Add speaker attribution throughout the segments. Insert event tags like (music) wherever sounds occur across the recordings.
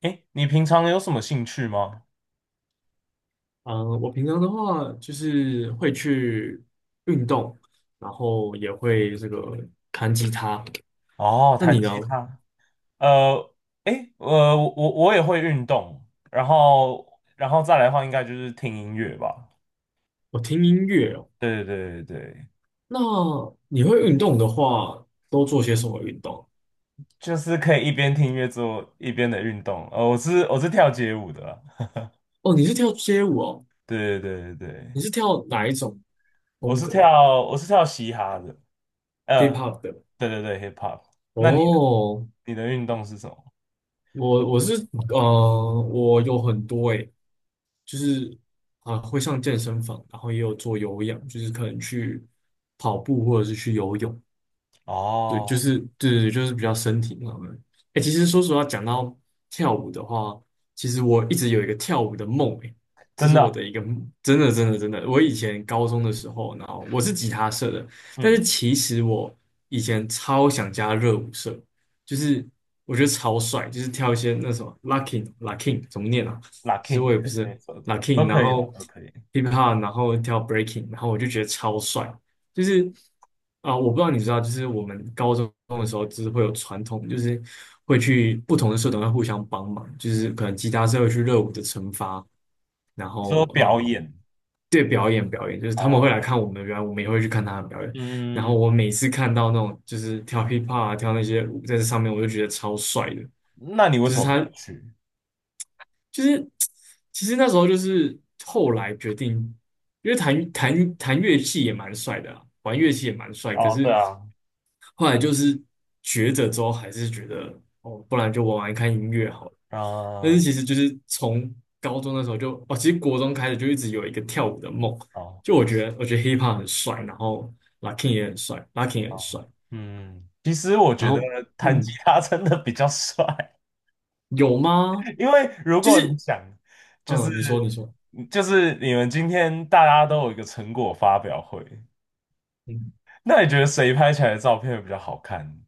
Speaker 1: 诶，你平常有什么兴趣吗？
Speaker 2: 嗯，我平常的话就是会去运动，然后也会这个弹吉他。
Speaker 1: 哦，
Speaker 2: 那你
Speaker 1: 弹
Speaker 2: 呢？
Speaker 1: 吉他。呃，诶，我也会运动，然后再来的话，应该就是听音乐吧。
Speaker 2: 我听音乐哦。
Speaker 1: 对对对对，
Speaker 2: 那你会运动的话，都做些什么运动？
Speaker 1: 就是可以一边听音乐做一边的运动。我是跳街舞的啦，
Speaker 2: 哦，你是跳街舞哦？
Speaker 1: (laughs) 对对对对，
Speaker 2: 你是跳哪一种
Speaker 1: 我
Speaker 2: 风
Speaker 1: 是
Speaker 2: 格的
Speaker 1: 跳我是跳嘻哈的，呃，
Speaker 2: ？hip hop 的？
Speaker 1: 对对对，hip hop。那你的
Speaker 2: 哦，
Speaker 1: 你的运动是什么？
Speaker 2: 我我是我有很多诶，就是啊，会上健身房，然后也有做有氧，就是可能去跑步或者是去游泳。对，就
Speaker 1: 哦，
Speaker 2: 是对对对，就是比较身体上面。哎，其实说实话，讲到跳舞的话，其实我一直有一个跳舞的梦，哎，这
Speaker 1: 真
Speaker 2: 是
Speaker 1: 的
Speaker 2: 我
Speaker 1: 哦
Speaker 2: 的一个梦真的真的真的。我以前高中的时候，然后我是吉他社的，但是
Speaker 1: 嗯
Speaker 2: 其实我以前超想加热舞社，就是我觉得超帅，就是跳一些那什么 locking locking 怎么念啊？
Speaker 1: l u c
Speaker 2: 其
Speaker 1: k
Speaker 2: 实我
Speaker 1: y
Speaker 2: 也不
Speaker 1: 对，
Speaker 2: 是
Speaker 1: 没错，都
Speaker 2: locking，然
Speaker 1: 可以啦，
Speaker 2: 后
Speaker 1: 都可以。
Speaker 2: hip hop，然后跳 breaking，然后我就觉得超帅。就是啊、我不知道你知道，就是我们高中的时候，就是会有传统，就是会去不同的社团会互相帮忙，就是可能其他社会去热舞的惩罚，然
Speaker 1: 你
Speaker 2: 后
Speaker 1: 说表
Speaker 2: 啊、
Speaker 1: 演？
Speaker 2: 对表演表演，就是他们会来
Speaker 1: 哦，
Speaker 2: 看我们的表演，我们也会去看他的表演。然后
Speaker 1: 嗯，
Speaker 2: 我每次看到那种就是跳 hip hop 啊，跳那些舞在这上面，我就觉得超帅的，
Speaker 1: 那你为
Speaker 2: 就
Speaker 1: 什
Speaker 2: 是
Speaker 1: 么没
Speaker 2: 他
Speaker 1: 有去？
Speaker 2: 就是其实那时候就是后来决定，因为弹乐器也蛮帅的啊，玩乐器也蛮帅，可
Speaker 1: 哦，对
Speaker 2: 是
Speaker 1: 啊，
Speaker 2: 后来就是学着之后，还是觉得哦，不然就玩玩看音乐好了。
Speaker 1: 啊、
Speaker 2: 但是
Speaker 1: 哦
Speaker 2: 其实就是从高中那时候就哦，其实国中开始就一直有一个跳舞的梦，就我觉得 hiphop 很帅，然后 l o c k i n 也很帅 lockin 也很
Speaker 1: 哦，
Speaker 2: 帅，
Speaker 1: 其实我
Speaker 2: 然
Speaker 1: 觉得
Speaker 2: 后
Speaker 1: 弹吉
Speaker 2: 嗯，
Speaker 1: 他真的比较帅，
Speaker 2: 有吗？
Speaker 1: (laughs) 因为如
Speaker 2: 就
Speaker 1: 果你
Speaker 2: 是
Speaker 1: 想，就是
Speaker 2: 嗯，你说你说，
Speaker 1: 就是你们今天大家都有一个成果发表会，
Speaker 2: 嗯。
Speaker 1: 那你觉得谁拍起来的照片会比较好看？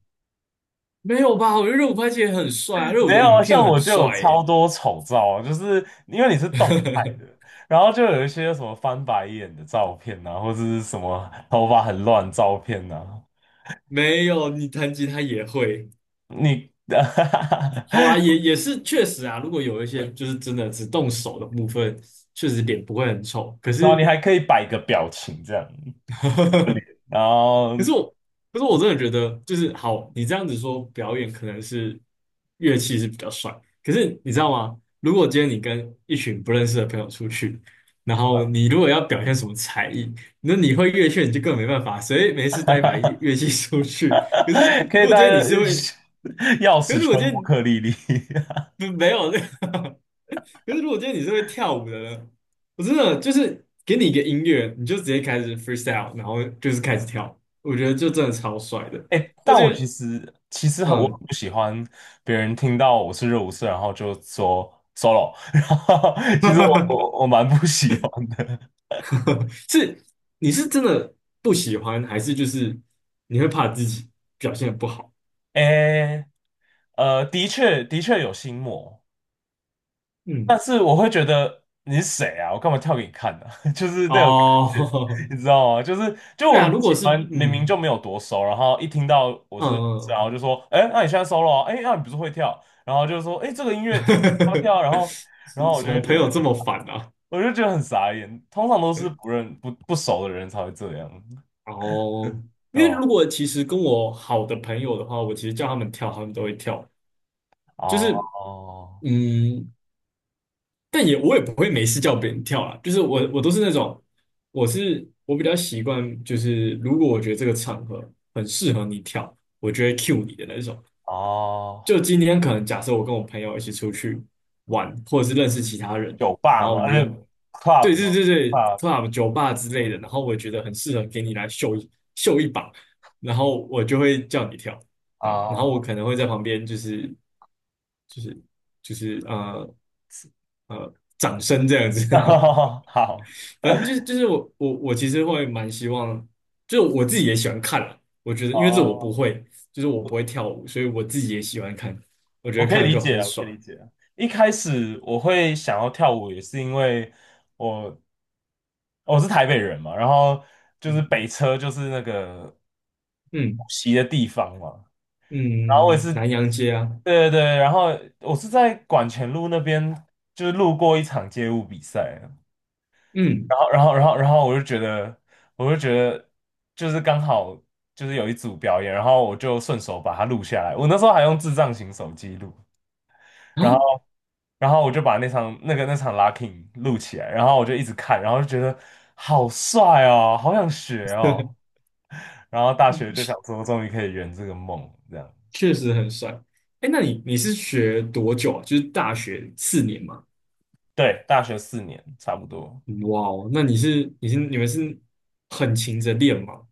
Speaker 2: 没有吧？我觉得热舞拍戏也很帅啊，热舞
Speaker 1: 没
Speaker 2: 的
Speaker 1: 有，
Speaker 2: 影
Speaker 1: 啊，
Speaker 2: 片
Speaker 1: 像
Speaker 2: 很
Speaker 1: 我就有
Speaker 2: 帅
Speaker 1: 超
Speaker 2: 诶。
Speaker 1: 多丑照啊，就是因为你是动态的，
Speaker 2: (laughs)
Speaker 1: 然后就有一些什么翻白眼的照片啊，或者是什么头发很乱的照片啊，
Speaker 2: 没有，你弹吉他也会。
Speaker 1: 你，(laughs)
Speaker 2: 好啦，也是确实啊。如果有一些就是真的只动手的部分，确实脸不会很丑。可
Speaker 1: 然后你
Speaker 2: 是
Speaker 1: 还可以摆个表情这样，
Speaker 2: (laughs)
Speaker 1: 然后
Speaker 2: 可是我，可是我真的觉得，就是好，你这样子说表演可能是乐器是比较帅，可是你知道吗？如果今天你跟一群不认识的朋友出去，然后你如果要表现什么才艺，那你会乐器你就更没办法，谁没事带一把乐器出去？可是
Speaker 1: (laughs) 可以
Speaker 2: 如果今
Speaker 1: 带
Speaker 2: 天
Speaker 1: (laughs)
Speaker 2: 你是会，
Speaker 1: 钥
Speaker 2: 可
Speaker 1: 匙
Speaker 2: 是如
Speaker 1: 圈
Speaker 2: 果
Speaker 1: 乌
Speaker 2: 今
Speaker 1: 克丽丽。
Speaker 2: 天没有，(laughs) 可是如果今天你是会跳舞的呢？我真的就是给你一个音乐，你就直接开始 freestyle，然后就是开始跳，我觉得就真的超帅的。
Speaker 1: 哎，
Speaker 2: 而
Speaker 1: 但我
Speaker 2: 且，
Speaker 1: 其实其实我
Speaker 2: 嗯，
Speaker 1: 很不喜欢别人听到我是热舞社，然后就说 solo，(laughs) 然后其实我
Speaker 2: (laughs)
Speaker 1: 我我蛮不喜欢的。
Speaker 2: 是你是真的不喜欢，还是就是你会怕自己表现得不好？
Speaker 1: 哎，的确的确有心魔，但
Speaker 2: 嗯，
Speaker 1: 是我会觉得你是谁啊？我干嘛跳给你看呢、(laughs) 就是那种感觉，
Speaker 2: 哦，
Speaker 1: 你知道吗？就是
Speaker 2: (laughs)
Speaker 1: 就
Speaker 2: 对
Speaker 1: 我
Speaker 2: 啊，
Speaker 1: 很不
Speaker 2: 如果
Speaker 1: 喜
Speaker 2: 是
Speaker 1: 欢，明明就
Speaker 2: 嗯
Speaker 1: 没有多熟，然后一听到我
Speaker 2: 嗯
Speaker 1: 是，然后
Speaker 2: 嗯，
Speaker 1: 就说，哎，那你现在 solo 啊？哎，那你不是会跳？然后就说，哎，这个音乐好跳
Speaker 2: 嗯
Speaker 1: 啊，然
Speaker 2: (laughs)
Speaker 1: 后然后
Speaker 2: 是
Speaker 1: 我
Speaker 2: 什
Speaker 1: 就
Speaker 2: 么
Speaker 1: 会
Speaker 2: 朋
Speaker 1: 觉
Speaker 2: 友
Speaker 1: 得。
Speaker 2: 这么烦啊
Speaker 1: 我就觉得很傻眼，通常都是不认不不熟的人才会这样，
Speaker 2: 哦，
Speaker 1: 对
Speaker 2: 因为
Speaker 1: 吧？
Speaker 2: 如果其实跟我好的朋友的话，我其实叫他们跳，他们都会跳。就
Speaker 1: 哦
Speaker 2: 是，
Speaker 1: 哦
Speaker 2: 嗯，我也不会没事叫别人跳啦。就是我都是那种，我比较习惯，就是如果我觉得这个场合很适合你跳，我就会 cue 你的那种。
Speaker 1: 哦，
Speaker 2: 就今天可能假设我跟我朋友一起出去玩，或者是认识其他人，
Speaker 1: 酒吧
Speaker 2: 然后
Speaker 1: 吗？
Speaker 2: 我
Speaker 1: (laughs)
Speaker 2: 们
Speaker 1: 哎
Speaker 2: 约
Speaker 1: c l u
Speaker 2: 对
Speaker 1: b
Speaker 2: 对
Speaker 1: 吗
Speaker 2: 对对
Speaker 1: ？club
Speaker 2: ，club 酒吧之类的，然后我觉得很适合给你来秀一秀一把，然后我就会叫你跳，对，然后我
Speaker 1: 啊，
Speaker 2: 可能会在旁边就是就是就是掌声这样子，
Speaker 1: (laughs) 好
Speaker 2: (laughs) 反正就是我其实会蛮希望，就是我自己也喜欢看了，我觉得因为这我不
Speaker 1: 哦，
Speaker 2: 会，就是我不
Speaker 1: 我
Speaker 2: 会跳舞，所以我自己也喜欢看，我觉
Speaker 1: 我
Speaker 2: 得
Speaker 1: 可以
Speaker 2: 看了
Speaker 1: 理
Speaker 2: 就
Speaker 1: 解
Speaker 2: 很
Speaker 1: 啊我可以
Speaker 2: 爽，
Speaker 1: 理解啊一开始我会想要跳舞，也是因为我我是台北人嘛，然后就是
Speaker 2: 嗯
Speaker 1: 北车就是那个补
Speaker 2: 嗯，
Speaker 1: 习的地方嘛，然后我也
Speaker 2: 嗯
Speaker 1: 是，
Speaker 2: 南洋街啊，
Speaker 1: 对对对，然后我是在管前路那边，就是路过一场街舞比赛，
Speaker 2: 嗯
Speaker 1: 然后我就觉得，我就觉得就是刚好就是有一组表演，然后我就顺手把它录下来，我那时候还用智障型手机录，然后
Speaker 2: 啊。
Speaker 1: 然后我就把那场 locking 录起来，然后我就一直看，然后就觉得好帅哦，好想学哦，
Speaker 2: (laughs)
Speaker 1: 然后大学就想说终于可以圆这个梦，这样，
Speaker 2: 确实很帅。哎，那你是学多久啊？就是大学4年嘛？
Speaker 1: 对，大学4年差不多。
Speaker 2: 哇哦，那你们是很勤着练吗？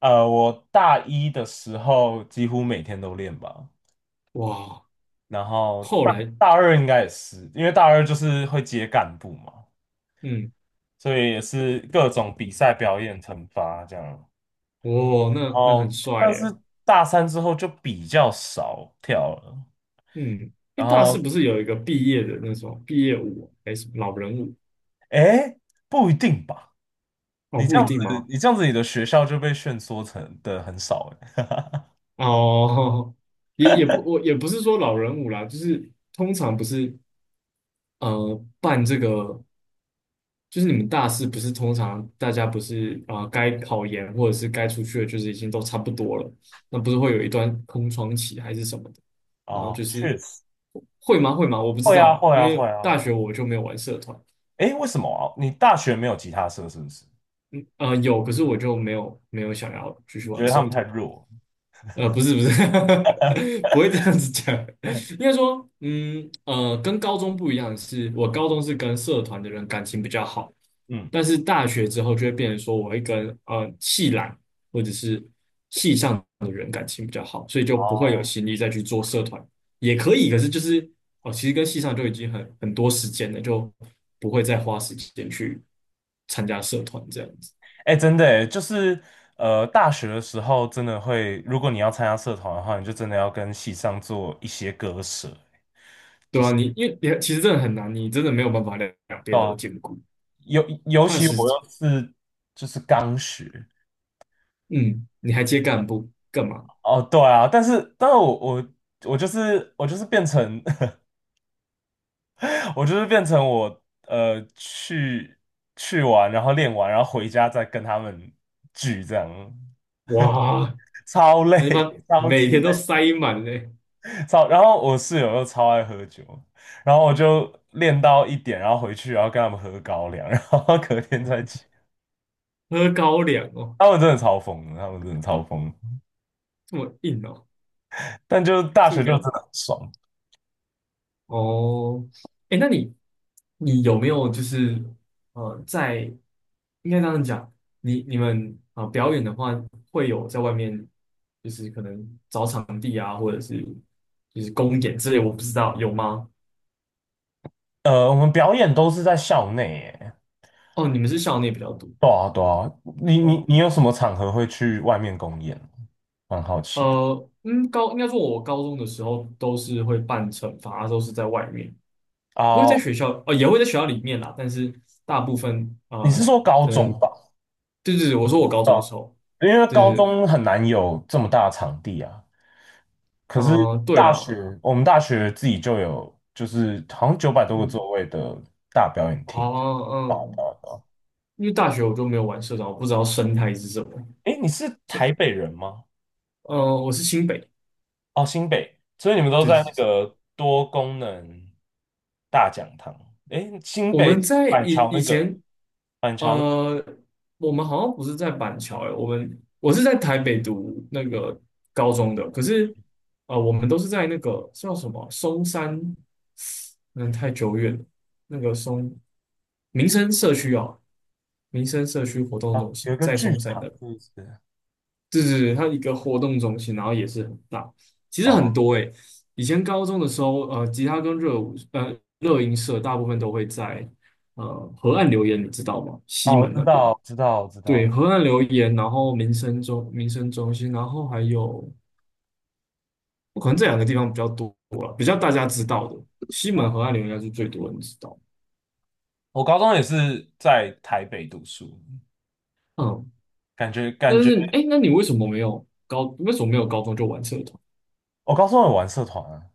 Speaker 1: 我大一的时候几乎每天都练吧，
Speaker 2: 哇，
Speaker 1: 然后
Speaker 2: 后
Speaker 1: 大
Speaker 2: 来
Speaker 1: 大二应该也是，因为大二就是会接干部嘛，
Speaker 2: 嗯，
Speaker 1: 所以也是各种比赛、表演、惩罚这样。
Speaker 2: 哇哦，
Speaker 1: 然
Speaker 2: 那很
Speaker 1: 后，
Speaker 2: 帅
Speaker 1: 但是
Speaker 2: 耶。
Speaker 1: 大三之后就比较少跳了。
Speaker 2: 嗯，哎，
Speaker 1: 然
Speaker 2: 大四
Speaker 1: 后，
Speaker 2: 不是有一个毕业的那种毕业舞，还是老人舞？
Speaker 1: 哎，不一定吧？
Speaker 2: 哦，
Speaker 1: 你这
Speaker 2: 不一
Speaker 1: 样
Speaker 2: 定
Speaker 1: 子，
Speaker 2: 吗？
Speaker 1: 你这样子，你的学校就被限缩成的很少诶。
Speaker 2: 哦，也也不我也不是说老人舞啦，就是通常不是办这个就是你们大四不是通常大家不是啊、该考研或者是该出去的，就是已经都差不多了，那不是会有一段空窗期还是什么的？然后
Speaker 1: 哦，
Speaker 2: 就是
Speaker 1: 确实，
Speaker 2: 会吗？会吗？我不知
Speaker 1: 会
Speaker 2: 道
Speaker 1: 啊，
Speaker 2: 了，
Speaker 1: 会
Speaker 2: 因
Speaker 1: 啊，
Speaker 2: 为
Speaker 1: 会啊。
Speaker 2: 大学我就没有玩社团，
Speaker 1: 哎，为什么啊？你大学没有吉他社是不是？
Speaker 2: 有，可是我就没有想要继
Speaker 1: 你
Speaker 2: 续
Speaker 1: 觉
Speaker 2: 玩
Speaker 1: 得他
Speaker 2: 社
Speaker 1: 们太
Speaker 2: 团。
Speaker 1: 弱？
Speaker 2: 不是不是，(laughs) 不会这样子讲。应该说，跟高中不一样的是，我高中是跟社团的人感情比较好，
Speaker 1: 嗯。
Speaker 2: 但是大学之后就会变成说，我会跟系揽或者是系上的人感情比较好，所以就不会有
Speaker 1: 哦，
Speaker 2: 心力再去做社团，也可以，可是就是哦，其实跟系上就已经很多时间了，就不会再花时间去参加社团这样子，
Speaker 1: 哎，真的诶，就是大学的时候真的会，如果你要参加社团的话，你就真的要跟系上做一些割舍，
Speaker 2: 对啊，你因为你其实真的很难，你真的没有办法两边
Speaker 1: 对啊，
Speaker 2: 都兼顾。
Speaker 1: 尤尤
Speaker 2: 他的
Speaker 1: 其我
Speaker 2: 时，
Speaker 1: 又是就是刚学，
Speaker 2: 嗯，你还接干部干嘛？
Speaker 1: 哦，对啊，但是我就是变成 (laughs) 我就是变成我呃去去玩，然后练完，然后回家再跟他们聚，这样
Speaker 2: 哇，
Speaker 1: 超累，
Speaker 2: 我一般
Speaker 1: (laughs) 超
Speaker 2: 每
Speaker 1: 级
Speaker 2: 天都
Speaker 1: 累。
Speaker 2: 塞满嘞，
Speaker 1: 超，然后我室友又超爱喝酒，然后我就练到1点，然后回去，然后跟他们喝高粱，然后隔天再起。
Speaker 2: 喝高粱哦，
Speaker 1: 他们真的超疯的他们真的超疯，
Speaker 2: 这么硬哦，
Speaker 1: 但就是大学
Speaker 2: 这
Speaker 1: 就
Speaker 2: 个
Speaker 1: 真的很爽。
Speaker 2: 哦，哎，那你有没有就是呃，在应该这样讲，你们啊、表演的话，会有在外面就是可能找场地啊，或者是就是公演之类，我不知道有吗？
Speaker 1: 我们表演都是在校内，耶，
Speaker 2: 哦，你们是校内比较多。
Speaker 1: 对啊对啊。你
Speaker 2: 哦。
Speaker 1: 你你有什么场合会去外面公演？蛮好奇的
Speaker 2: 应该说，我高中的时候都是会办惩罚，都是在外面，不会
Speaker 1: 啊，
Speaker 2: 在学校，也会在学校里面啦，但是大部分
Speaker 1: 你是说高
Speaker 2: 可
Speaker 1: 中
Speaker 2: 能，
Speaker 1: 吧？
Speaker 2: 对对对，我说我高中的时候，
Speaker 1: 因为
Speaker 2: 对
Speaker 1: 高
Speaker 2: 对对，
Speaker 1: 中很难有这么大的场地啊。可是
Speaker 2: 对
Speaker 1: 大
Speaker 2: 啦，
Speaker 1: 学，我们大学自己就有，就是好像900多个
Speaker 2: 嗯，
Speaker 1: 座位的大表演厅。
Speaker 2: 哦，嗯，因为大学我就没有玩社团，我不知道生态是什么，
Speaker 1: 诶，你是
Speaker 2: 这，
Speaker 1: 台北人吗？
Speaker 2: 呃，我是新北，
Speaker 1: 哦，新北，所以你们都
Speaker 2: 对对
Speaker 1: 在那
Speaker 2: 对，
Speaker 1: 个多功能大讲堂。诶，新
Speaker 2: 我
Speaker 1: 北
Speaker 2: 们在
Speaker 1: 板
Speaker 2: 以
Speaker 1: 桥
Speaker 2: 以
Speaker 1: 那个，
Speaker 2: 前
Speaker 1: 板桥那
Speaker 2: 呃，我们好像不是在板桥诶，我是在台北读那个高中的，可是我们都是在那个叫什么松山，嗯，太久远了，那个松民生社区啊，民生社区活动
Speaker 1: 哦，
Speaker 2: 中心
Speaker 1: 有一
Speaker 2: 啊
Speaker 1: 个
Speaker 2: 在
Speaker 1: 剧
Speaker 2: 松山
Speaker 1: 场，
Speaker 2: 的，
Speaker 1: 是不是？
Speaker 2: 对对对，它一个活动中心，然后也是很大，其实很
Speaker 1: 哦
Speaker 2: 多诶，以前高中的时候，吉他跟热舞，热音社大部分都会在河岸留言，你知道吗？西
Speaker 1: 哦，我
Speaker 2: 门
Speaker 1: 知
Speaker 2: 那边。
Speaker 1: 道，知道，我知
Speaker 2: 对，
Speaker 1: 道。
Speaker 2: 河岸留言，然后民生中心，然后还有可能这两个地方比较多了，比较大家知道的。西门河
Speaker 1: 哦，
Speaker 2: 岸留言应该是最多人知道。
Speaker 1: 我高中也是在台北读书，
Speaker 2: 嗯，
Speaker 1: 感觉
Speaker 2: 但
Speaker 1: 感觉，
Speaker 2: 是哎，诶那你为什么没有高？为什么没有高中就玩社团
Speaker 1: 我高中有玩社团啊。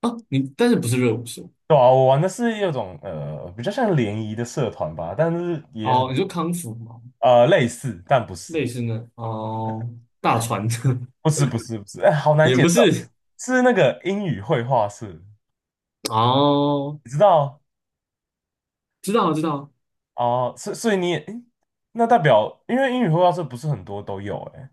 Speaker 2: 啊？你但是不是热舞社？
Speaker 1: 对啊，我玩的是一种比较像联谊的社团吧，但是也很
Speaker 2: 哦，你说康复吗？
Speaker 1: 类似，但不是，
Speaker 2: 类似呢？哦，大船 (laughs)
Speaker 1: 不是，不是，不是，哎，好难
Speaker 2: 也
Speaker 1: 解
Speaker 2: 不
Speaker 1: 释哦，
Speaker 2: 是
Speaker 1: 是那个英语绘画社，
Speaker 2: 哦，
Speaker 1: 你知道
Speaker 2: 知道了知道了，
Speaker 1: 哦，所、所以你也，诶那代表因为英语绘画社不是很多都有、欸，哎，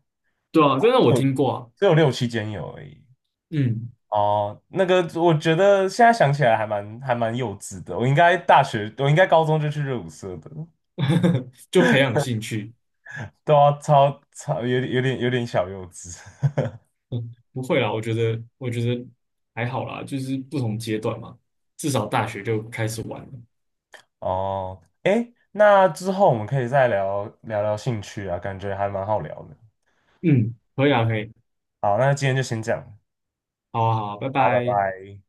Speaker 2: 对啊，真的我
Speaker 1: 只有
Speaker 2: 听过啊。
Speaker 1: 只有六七间有而已。
Speaker 2: 嗯，
Speaker 1: 哦，那个我觉得现在想起来还蛮幼稚的，我应该大学，我应该高中就去热舞社的，
Speaker 2: (laughs) 就培养兴趣。
Speaker 1: 对啊，超有点小幼稚。(laughs)
Speaker 2: 嗯，不会啦，我觉得还好啦，就是不同阶段嘛，至少大学就开始玩了。
Speaker 1: 哦，诶，那之后我们可以再聊聊兴趣啊，感觉还蛮好聊的。
Speaker 2: 嗯，可以啊，可以，
Speaker 1: 好，那今天就先这样，
Speaker 2: 好啊，好啊，拜
Speaker 1: 好，拜
Speaker 2: 拜。
Speaker 1: 拜。